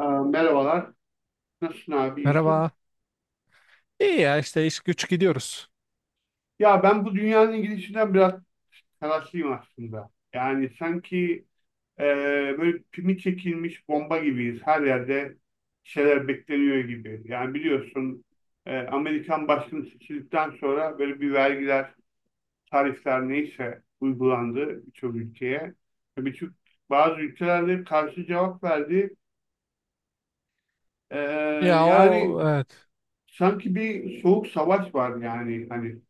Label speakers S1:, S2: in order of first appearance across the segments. S1: Merhabalar. Nasılsın abi? İyisin?
S2: Merhaba. İyi ya işte iş güç gidiyoruz.
S1: Ya ben bu dünyanın gidişinden biraz telaşlıyım aslında. Yani sanki e, böyle pimi çekilmiş bomba gibiyiz. Her yerde şeyler bekleniyor gibi. Yani biliyorsun Amerikan başkanı seçildikten sonra böyle bir vergiler, tarifler neyse uygulandı birçok ülkeye. Ve Birçok bazı ülkelerde karşı cevap verdi. E,
S2: Ya
S1: Yani
S2: o evet
S1: sanki bir soğuk savaş var yani. Hani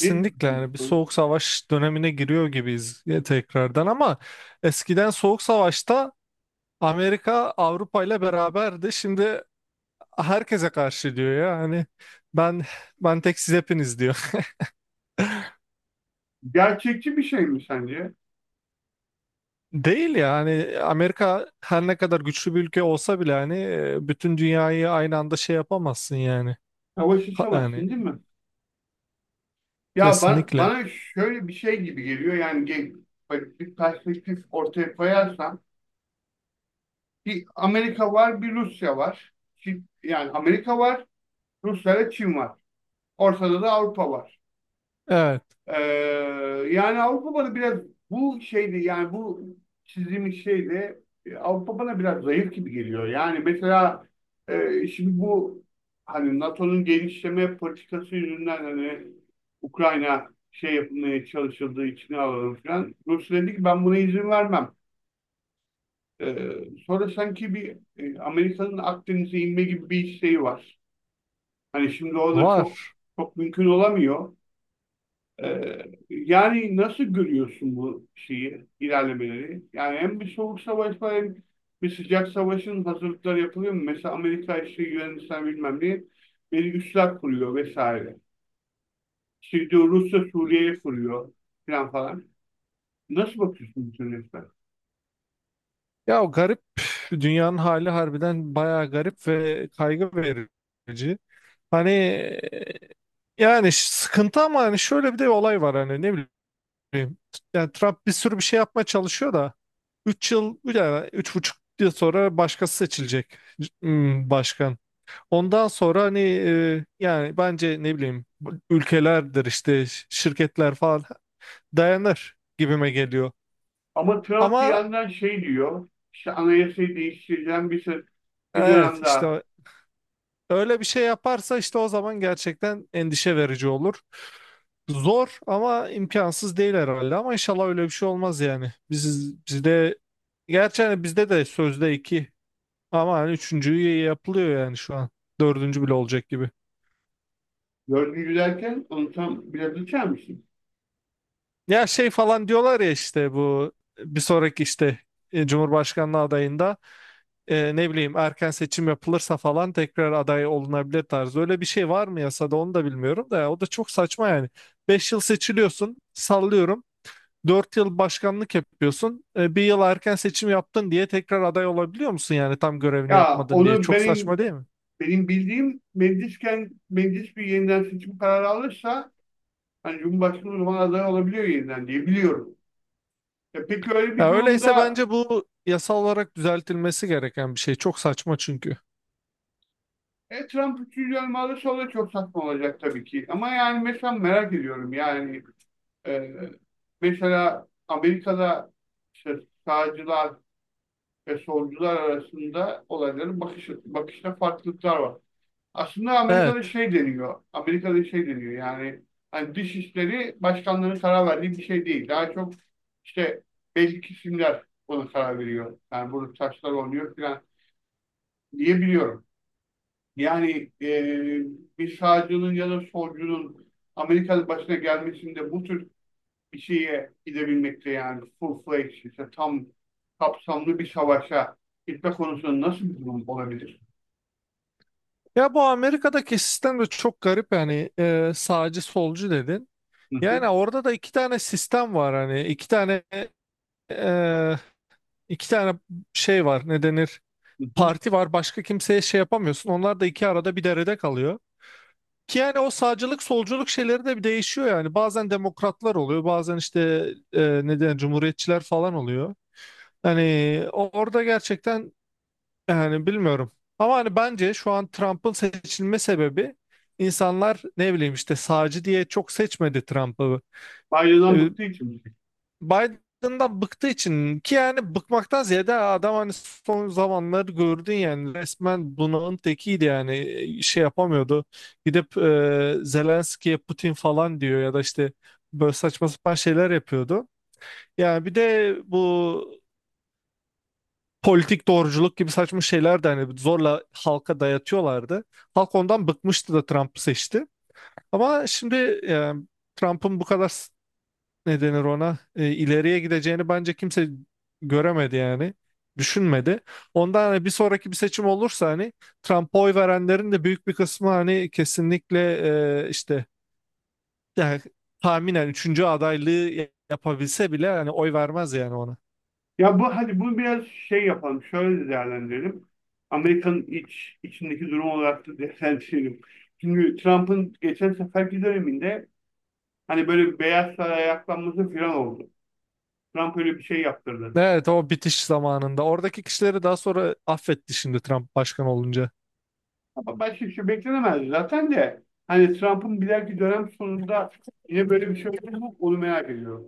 S1: ne
S2: yani bir
S1: diyorsun?
S2: soğuk savaş dönemine giriyor gibiyiz ya tekrardan ama eskiden soğuk savaşta Amerika Avrupa ile beraberdi. Şimdi herkese karşı diyor ya hani ben ben tek siz hepiniz diyor.
S1: Gerçekçi bir şey mi sence?
S2: Değil ya hani Amerika her ne kadar güçlü bir ülke olsa bile hani bütün dünyayı aynı anda şey yapamazsın yani.
S1: Savaş
S2: Ha-
S1: açamazsın
S2: Yani
S1: değil mi? Ya bana,
S2: kesinlikle.
S1: bana şöyle bir şey gibi geliyor yani böyle bir perspektif ortaya koyarsam bir Amerika var, bir Rusya var. Yani Amerika var, Rusya ile Çin var. Ortada da Avrupa var.
S2: Evet
S1: Ee, Yani Avrupa bana biraz bu şeydi, yani bu çizdiğimiz şeyde Avrupa bana biraz zayıf gibi geliyor. Yani mesela şimdi bu hani NATO'nun genişleme politikası yüzünden hani Ukrayna şey yapmaya çalışıldığı içine alalım falan. Rusya dedi ki ben buna izin vermem. Ee, Sonra sanki bir Amerika'nın Akdeniz'e inme gibi bir isteği var. Hani şimdi o da çok
S2: var.
S1: çok mümkün olamıyor. Ee, Yani nasıl görüyorsun bu şeyi, ilerlemeleri? Yani hem bir soğuk savaş var hem bir sıcak savaşın hazırlıkları yapılıyor mu? Mesela Amerika işte Yunanistan bilmem ne bir üsler kuruyor vesaire. İşte diyor Rusya Suriye'ye kuruyor falan falan. Nasıl bakıyorsun bütün resmen?
S2: Ya o garip dünyanın hali harbiden bayağı garip ve kaygı verici. Hani yani sıkıntı ama hani şöyle bir de olay var hani ne bileyim. Yani Trump bir sürü bir şey yapmaya çalışıyor da 3 yıl yani 3,5 yıl sonra başkası seçilecek başkan. Ondan sonra hani yani bence ne bileyim bu ülkelerdir işte şirketler falan dayanır gibime geliyor.
S1: Ama Trump bir
S2: Ama
S1: yandan şey diyor, işte anayasayı değiştireceğim, bir
S2: evet
S1: dönem daha
S2: işte öyle bir şey yaparsa işte o zaman gerçekten endişe verici olur. Zor ama imkansız değil herhalde ama inşallah öyle bir şey olmaz yani. Bizde gerçi hani bizde de sözde iki ama hani üçüncüyü yapılıyor yani şu an. Dördüncü bile olacak gibi.
S1: görgü derken onu tam biraz açar mısın?
S2: Ya şey falan diyorlar ya işte bu bir sonraki işte Cumhurbaşkanlığı adayında ne bileyim erken seçim yapılırsa falan tekrar aday olunabilir tarzı. Öyle bir şey var mı yasada onu da bilmiyorum da ya, o da çok saçma yani. 5 yıl seçiliyorsun sallıyorum. 4 yıl başkanlık yapıyorsun. Bir yıl erken seçim yaptın diye tekrar aday olabiliyor musun yani tam görevini
S1: Ya
S2: yapmadın diye.
S1: onu
S2: Çok saçma
S1: benim
S2: değil mi?
S1: Benim bildiğim meclisken meclis bir yeniden seçim kararı alırsa hani Cumhurbaşkanı o zaman aday olabiliyor yeniden diye biliyorum. E peki öyle bir
S2: Ya öyleyse
S1: durumda
S2: bence bu yasal olarak düzeltilmesi gereken bir şey. Çok saçma çünkü.
S1: Trump üçüncü dönem alırsa o da çok saçma olacak tabii ki. Ama yani mesela merak ediyorum yani e, mesela Amerika'da işte sağcılar ve solcular arasında olayların bakışta farklılıklar var. Aslında Amerika'da
S2: Evet.
S1: şey deniyor. Amerika'da şey deniyor, yani hani dış işleri başkanların karar verdiği bir şey değil. Daha çok işte belli kesimler buna karar veriyor. Yani bunu taşlar oluyor falan diye biliyorum. Yani bir sağcının ya da solcunun Amerika'da başına gelmesinde bu tür bir şeye gidebilmekte, yani full fledged, işte tam kapsamlı bir savaşa gitme konusunda nasıl bir durum olabilir?
S2: Ya bu Amerika'daki sistem de çok garip yani sağcı solcu dedin.
S1: Hı hı,
S2: Yani orada da iki tane sistem var hani e, iki tane şey var ne denir
S1: hı hı.
S2: parti var başka kimseye şey yapamıyorsun. Onlar da iki arada bir derede kalıyor. Ki yani o sağcılık solculuk şeyleri de bir değişiyor yani. Bazen demokratlar oluyor, bazen işte e, ne cumhuriyetçiler falan oluyor. Hani orada gerçekten yani bilmiyorum. Ama hani bence şu an Trump'ın seçilme sebebi insanlar ne bileyim işte sağcı diye çok seçmedi Trump'ı.
S1: Biden'dan
S2: E,
S1: bıktığı için mi?
S2: Biden'dan bıktığı için ki yani bıkmaktan ziyade adam hani son zamanları gördün yani resmen bunalım tekiydi yani şey yapamıyordu. Gidip Zelenski'ye Putin falan diyor ya da işte böyle saçma sapan şeyler yapıyordu. Yani bir de bu politik doğruculuk gibi saçma şeyler de hani zorla halka dayatıyorlardı. Halk ondan bıkmıştı da Trump'ı seçti. Ama şimdi yani Trump'ın bu kadar ne denir ona ileriye gideceğini bence kimse göremedi yani düşünmedi. Ondan hani bir sonraki bir seçim olursa hani Trump'a oy verenlerin de büyük bir kısmı hani kesinlikle işte yani tahminen üçüncü adaylığı yapabilse bile hani oy vermez yani ona.
S1: Ya bu, hadi bunu biraz şey yapalım. Şöyle de değerlendirelim. Amerika'nın iç içindeki durum olarak da değerlendirelim. Çünkü Trump'ın geçen seferki döneminde hani böyle bir Beyaz Saray'a ayaklanması falan oldu. Trump öyle bir şey yaptırdı.
S2: Evet o bitiş zamanında. Oradaki kişileri daha sonra affetti şimdi Trump başkan olunca.
S1: Ama başka bir şey beklenemezdi zaten de. Hani Trump'ın bir dahaki dönem sonunda yine böyle bir şey olur mu? Onu merak ediyorum.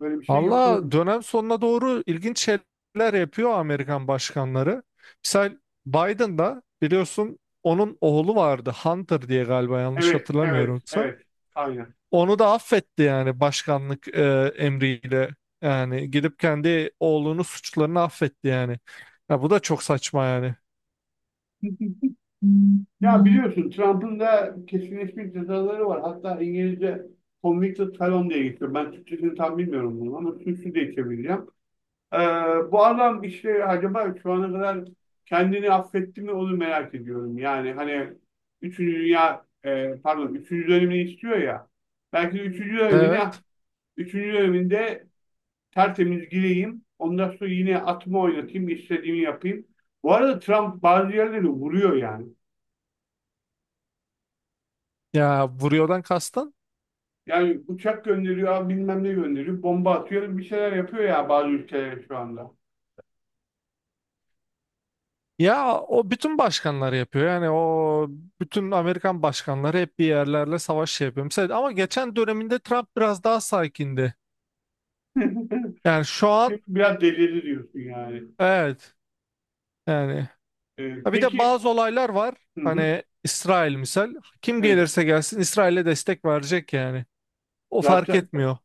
S1: Böyle bir şey yapılır mı?
S2: Valla dönem sonuna doğru ilginç şeyler yapıyor Amerikan başkanları. Misal Biden da biliyorsun onun oğlu vardı Hunter diye galiba yanlış
S1: Evet, evet,
S2: hatırlamıyorumsa.
S1: evet. Aynen.
S2: Onu da affetti yani başkanlık emriyle. Yani gidip kendi oğlunun suçlarını affetti yani. Ya bu da çok saçma yani.
S1: Ya biliyorsun Trump'ın da kesinleşmiş cezaları var. Hatta İngilizce convicted felon diye geçiyor. Ben Türkçesini tam bilmiyorum bunu ama suçlu diye çevireceğim. Ee, Bu adam işte acaba şu ana kadar kendini affetti mi onu merak ediyorum. Yani hani üçüncü Dünya, pardon, üçüncü dönemini istiyor ya. Belki de 3. dönemine
S2: Evet.
S1: üçüncü döneminde tertemiz gireyim. Ondan sonra yine atımı oynatayım, istediğimi yapayım. Bu arada Trump bazı yerleri vuruyor yani.
S2: Ya vuruyordan kastın?
S1: Yani uçak gönderiyor, bilmem ne gönderiyor, bomba atıyor, bir şeyler yapıyor ya bazı ülkeler şu anda.
S2: Ya o bütün başkanlar yapıyor. Yani o bütün Amerikan başkanları hep bir yerlerle savaş şey yapıyor. Mesela, ama geçen döneminde Trump biraz daha sakindi. Yani şu an
S1: Şimdi biraz delirdi diyorsun yani.
S2: evet yani. Ha, bir de
S1: Peki,
S2: bazı olaylar var.
S1: hı hı,
S2: Hani İsrail misal. Kim
S1: evet,
S2: gelirse gelsin İsrail'e destek verecek yani. O fark
S1: zaten.
S2: etmiyor.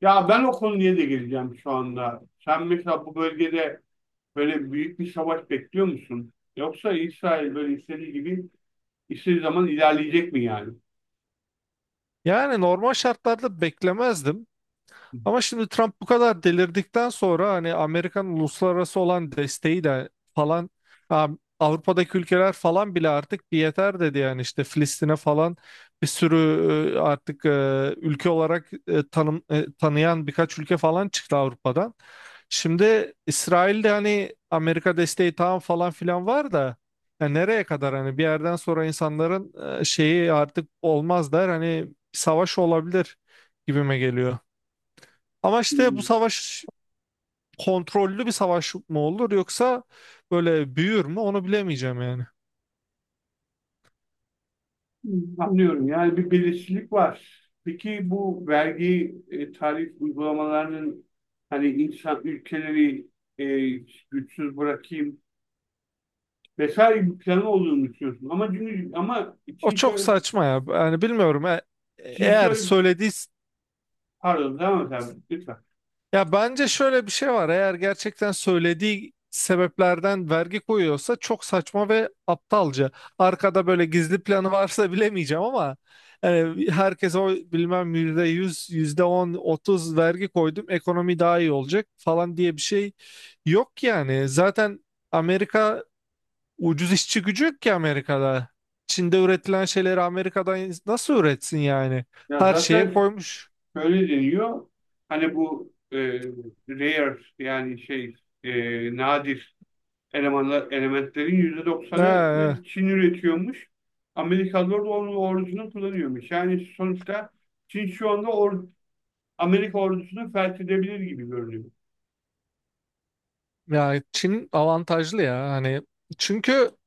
S1: Ya ben o konuya da geleceğim şu anda. Sen mesela bu bölgede böyle büyük bir savaş bekliyor musun? Yoksa İsrail böyle istediği gibi istediği zaman ilerleyecek mi yani?
S2: Yani normal şartlarda beklemezdim. Ama şimdi Trump bu kadar delirdikten sonra hani Amerikan uluslararası olan desteği de falan ha, Avrupa'daki ülkeler falan bile artık bir yeter dedi yani işte Filistin'e falan bir sürü artık ülke olarak tanıyan birkaç ülke falan çıktı Avrupa'dan. Şimdi İsrail'de hani Amerika desteği tamam falan filan var da ya nereye kadar hani bir yerden sonra insanların şeyi artık olmaz der hani savaş olabilir gibime geliyor. Ama işte bu savaş kontrollü bir savaş mı olur yoksa böyle büyür mü onu bilemeyeceğim yani.
S1: Hı, anlıyorum. Yani bir belirsizlik var. Peki bu vergi tarif uygulamalarının hani insan ülkeleri e, güçsüz bırakayım vesaire bir planı olduğunu düşünüyorsun. Ama çünkü ama
S2: O
S1: Çin
S2: çok
S1: şöyle,
S2: saçma ya. Yani bilmiyorum. E-
S1: Çin
S2: eğer
S1: şöyle,
S2: söylediği
S1: pardon, devam et abi lütfen.
S2: Ya bence şöyle bir şey var. Eğer gerçekten söylediği sebeplerden vergi koyuyorsa çok saçma ve aptalca. Arkada böyle gizli planı varsa bilemeyeceğim ama yani herkes o bilmem %100, yüzde on, 30 vergi koydum ekonomi daha iyi olacak falan diye bir şey yok yani. Zaten Amerika ucuz işçi gücü yok ki Amerika'da. Çin'de üretilen şeyleri Amerika'dan nasıl üretsin yani?
S1: Ya
S2: Her şeye
S1: zaten
S2: koymuş.
S1: şöyle deniyor. Hani bu rare yani şey, nadir elementlerin yüzde
S2: Ha,
S1: doksanını Çin üretiyormuş. Amerikalılar da onun ordusunu kullanıyormuş. Yani sonuçta Çin şu anda Amerika ordusunu felç edebilir gibi görünüyor.
S2: ya Çin avantajlı ya hani çünkü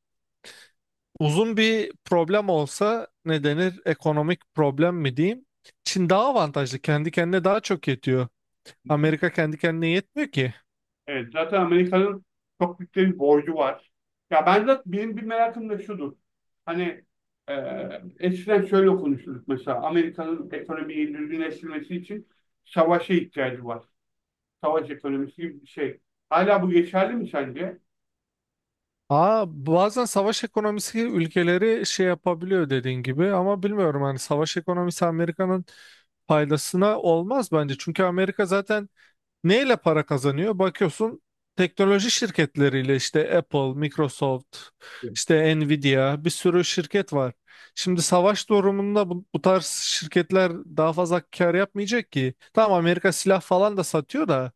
S2: uzun bir problem olsa ne denir ekonomik problem mi diyeyim Çin daha avantajlı kendi kendine daha çok yetiyor Amerika kendi kendine yetmiyor ki.
S1: Evet, zaten Amerika'nın çok büyük bir borcu var. Ya ben de benim bir merakım da şudur. Hani e, eskiden şöyle konuşurduk, mesela Amerika'nın ekonomiyi düzgünleştirmesi için savaşa ihtiyacı var. Savaş ekonomisi gibi bir şey. Hala bu geçerli mi sence?
S2: Aa bazen savaş ekonomisi ülkeleri şey yapabiliyor dediğin gibi ama bilmiyorum hani savaş ekonomisi Amerika'nın faydasına olmaz bence çünkü Amerika zaten neyle para kazanıyor? Bakıyorsun teknoloji şirketleriyle işte Apple, Microsoft, işte Nvidia bir sürü şirket var. Şimdi savaş durumunda bu tarz şirketler daha fazla kar yapmayacak ki. Tamam Amerika silah falan da satıyor da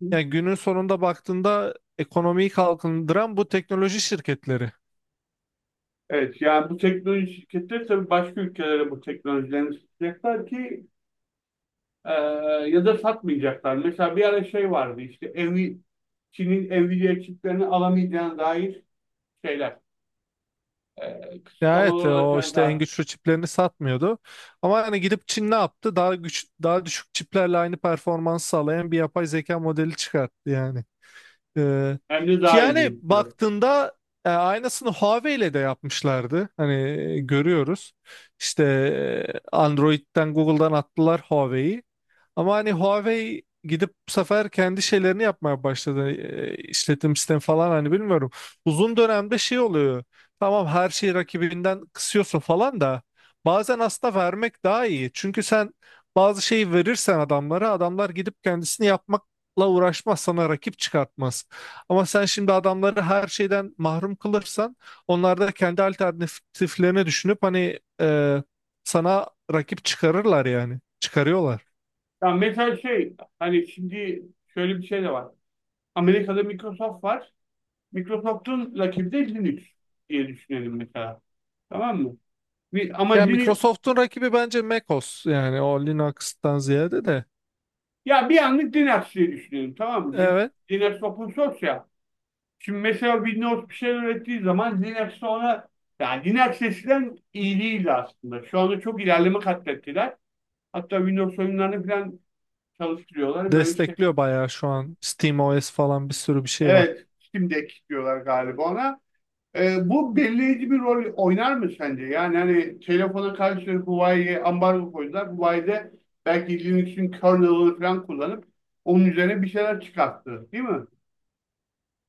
S1: Evet.
S2: yani günün sonunda baktığında ekonomiyi kalkındıran bu teknoloji şirketleri.
S1: Evet, yani bu teknoloji şirketleri tabii başka ülkelere bu teknolojilerini satacaklar ki e, ya da satmayacaklar. Mesela bir ara şey vardı, işte Çin'in Nvidia çiplerini alamayacağına dair şeyler,
S2: Ya evet
S1: kısıtlamalar
S2: o
S1: olacağına
S2: işte
S1: dair.
S2: en güçlü çiplerini satmıyordu. Ama hani gidip Çin ne yaptı? Daha güç daha düşük çiplerle aynı performans sağlayan bir yapay zeka modeli çıkarttı yani. Ee,
S1: Hem de
S2: ki
S1: daha iyi
S2: yani
S1: gözüküyor.
S2: baktığında aynısını Huawei ile de yapmışlardı. Hani görüyoruz. İşte Android'den Google'dan attılar Huawei'yi. Ama hani Huawei gidip bu sefer kendi şeylerini yapmaya başladı. E, işletim sistemi falan hani bilmiyorum. Uzun dönemde şey oluyor. Tamam her şeyi rakibinden kısıyorsun falan da bazen aslında vermek daha iyi. Çünkü sen bazı şeyi verirsen adamlara adamlar gidip kendisini yapmakla uğraşmaz sana rakip çıkartmaz. Ama sen şimdi adamları her şeyden mahrum kılırsan onlar da kendi alternatiflerini düşünüp hani sana rakip çıkarırlar yani çıkarıyorlar.
S1: Yani mesela şey, hani şimdi şöyle bir şey de var. Amerika'da Microsoft var. Microsoft'un rakibi de Linux diye düşünelim mesela. Tamam mı? Ama
S2: Yani
S1: Linux,
S2: Microsoft'un rakibi bence macOS yani o Linux'tan ziyade de.
S1: ya bir anlık din aksi diye düşünüyorum, tamam mı? Din
S2: Evet
S1: din aksi, open source ya. Şimdi mesela Windows bir şey ürettiği zaman Linux ona, yani Linux eskiden iyi değildi aslında. Şu anda çok ilerleme katlettiler. Hatta Windows oyunlarını falan çalıştırıyorlar, böyle bir şey.
S2: destekliyor bayağı şu an SteamOS falan bir sürü bir şey var.
S1: Evet, Steam Deck diyorlar galiba ona. Bu belirleyici bir rol oynar mı sence? Yani hani telefona karşı Huawei'ye ambargo koydular. Huawei de belki Linux'in kernel'ını falan kullanıp onun üzerine bir şeyler çıkarttı, değil mi?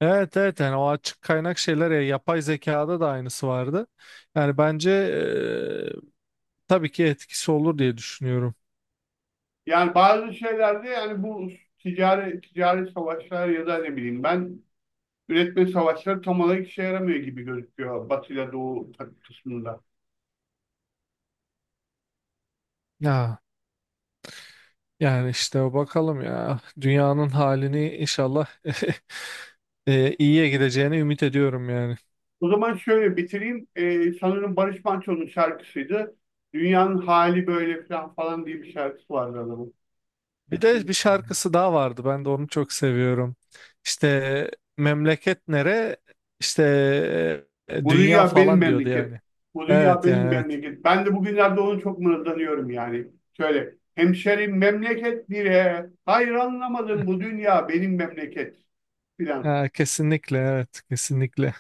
S2: Evet, evet yani o açık kaynak şeyler ya yapay zekada da aynısı vardı. Yani bence tabii ki etkisi olur diye düşünüyorum.
S1: Yani bazı şeylerde, yani bu ticari savaşlar ya da ne bileyim ben üretme savaşları tam olarak işe yaramıyor gibi gözüküyor Batı ile Doğu kısmında.
S2: Ya yani işte bakalım ya dünyanın halini inşallah iyiye gideceğini ümit ediyorum yani.
S1: O zaman şöyle bitireyim. Sanırım Barış Manço'nun şarkısıydı. Dünyanın hali böyle falan falan diye bir şarkısı vardı
S2: Bir de
S1: adamın.
S2: bir şarkısı daha vardı. Ben de onu çok seviyorum. İşte memleket nere? İşte
S1: Bu
S2: dünya
S1: dünya benim
S2: falan diyordu
S1: memleketim.
S2: yani.
S1: Bu dünya
S2: Evet
S1: benim
S2: yani evet.
S1: memleket. Ben de bugünlerde onu çok mırıldanıyorum yani. Şöyle, hemşerim memleket bile, hayır anlamadım, bu dünya benim memleket filan.
S2: Ha, kesinlikle evet kesinlikle.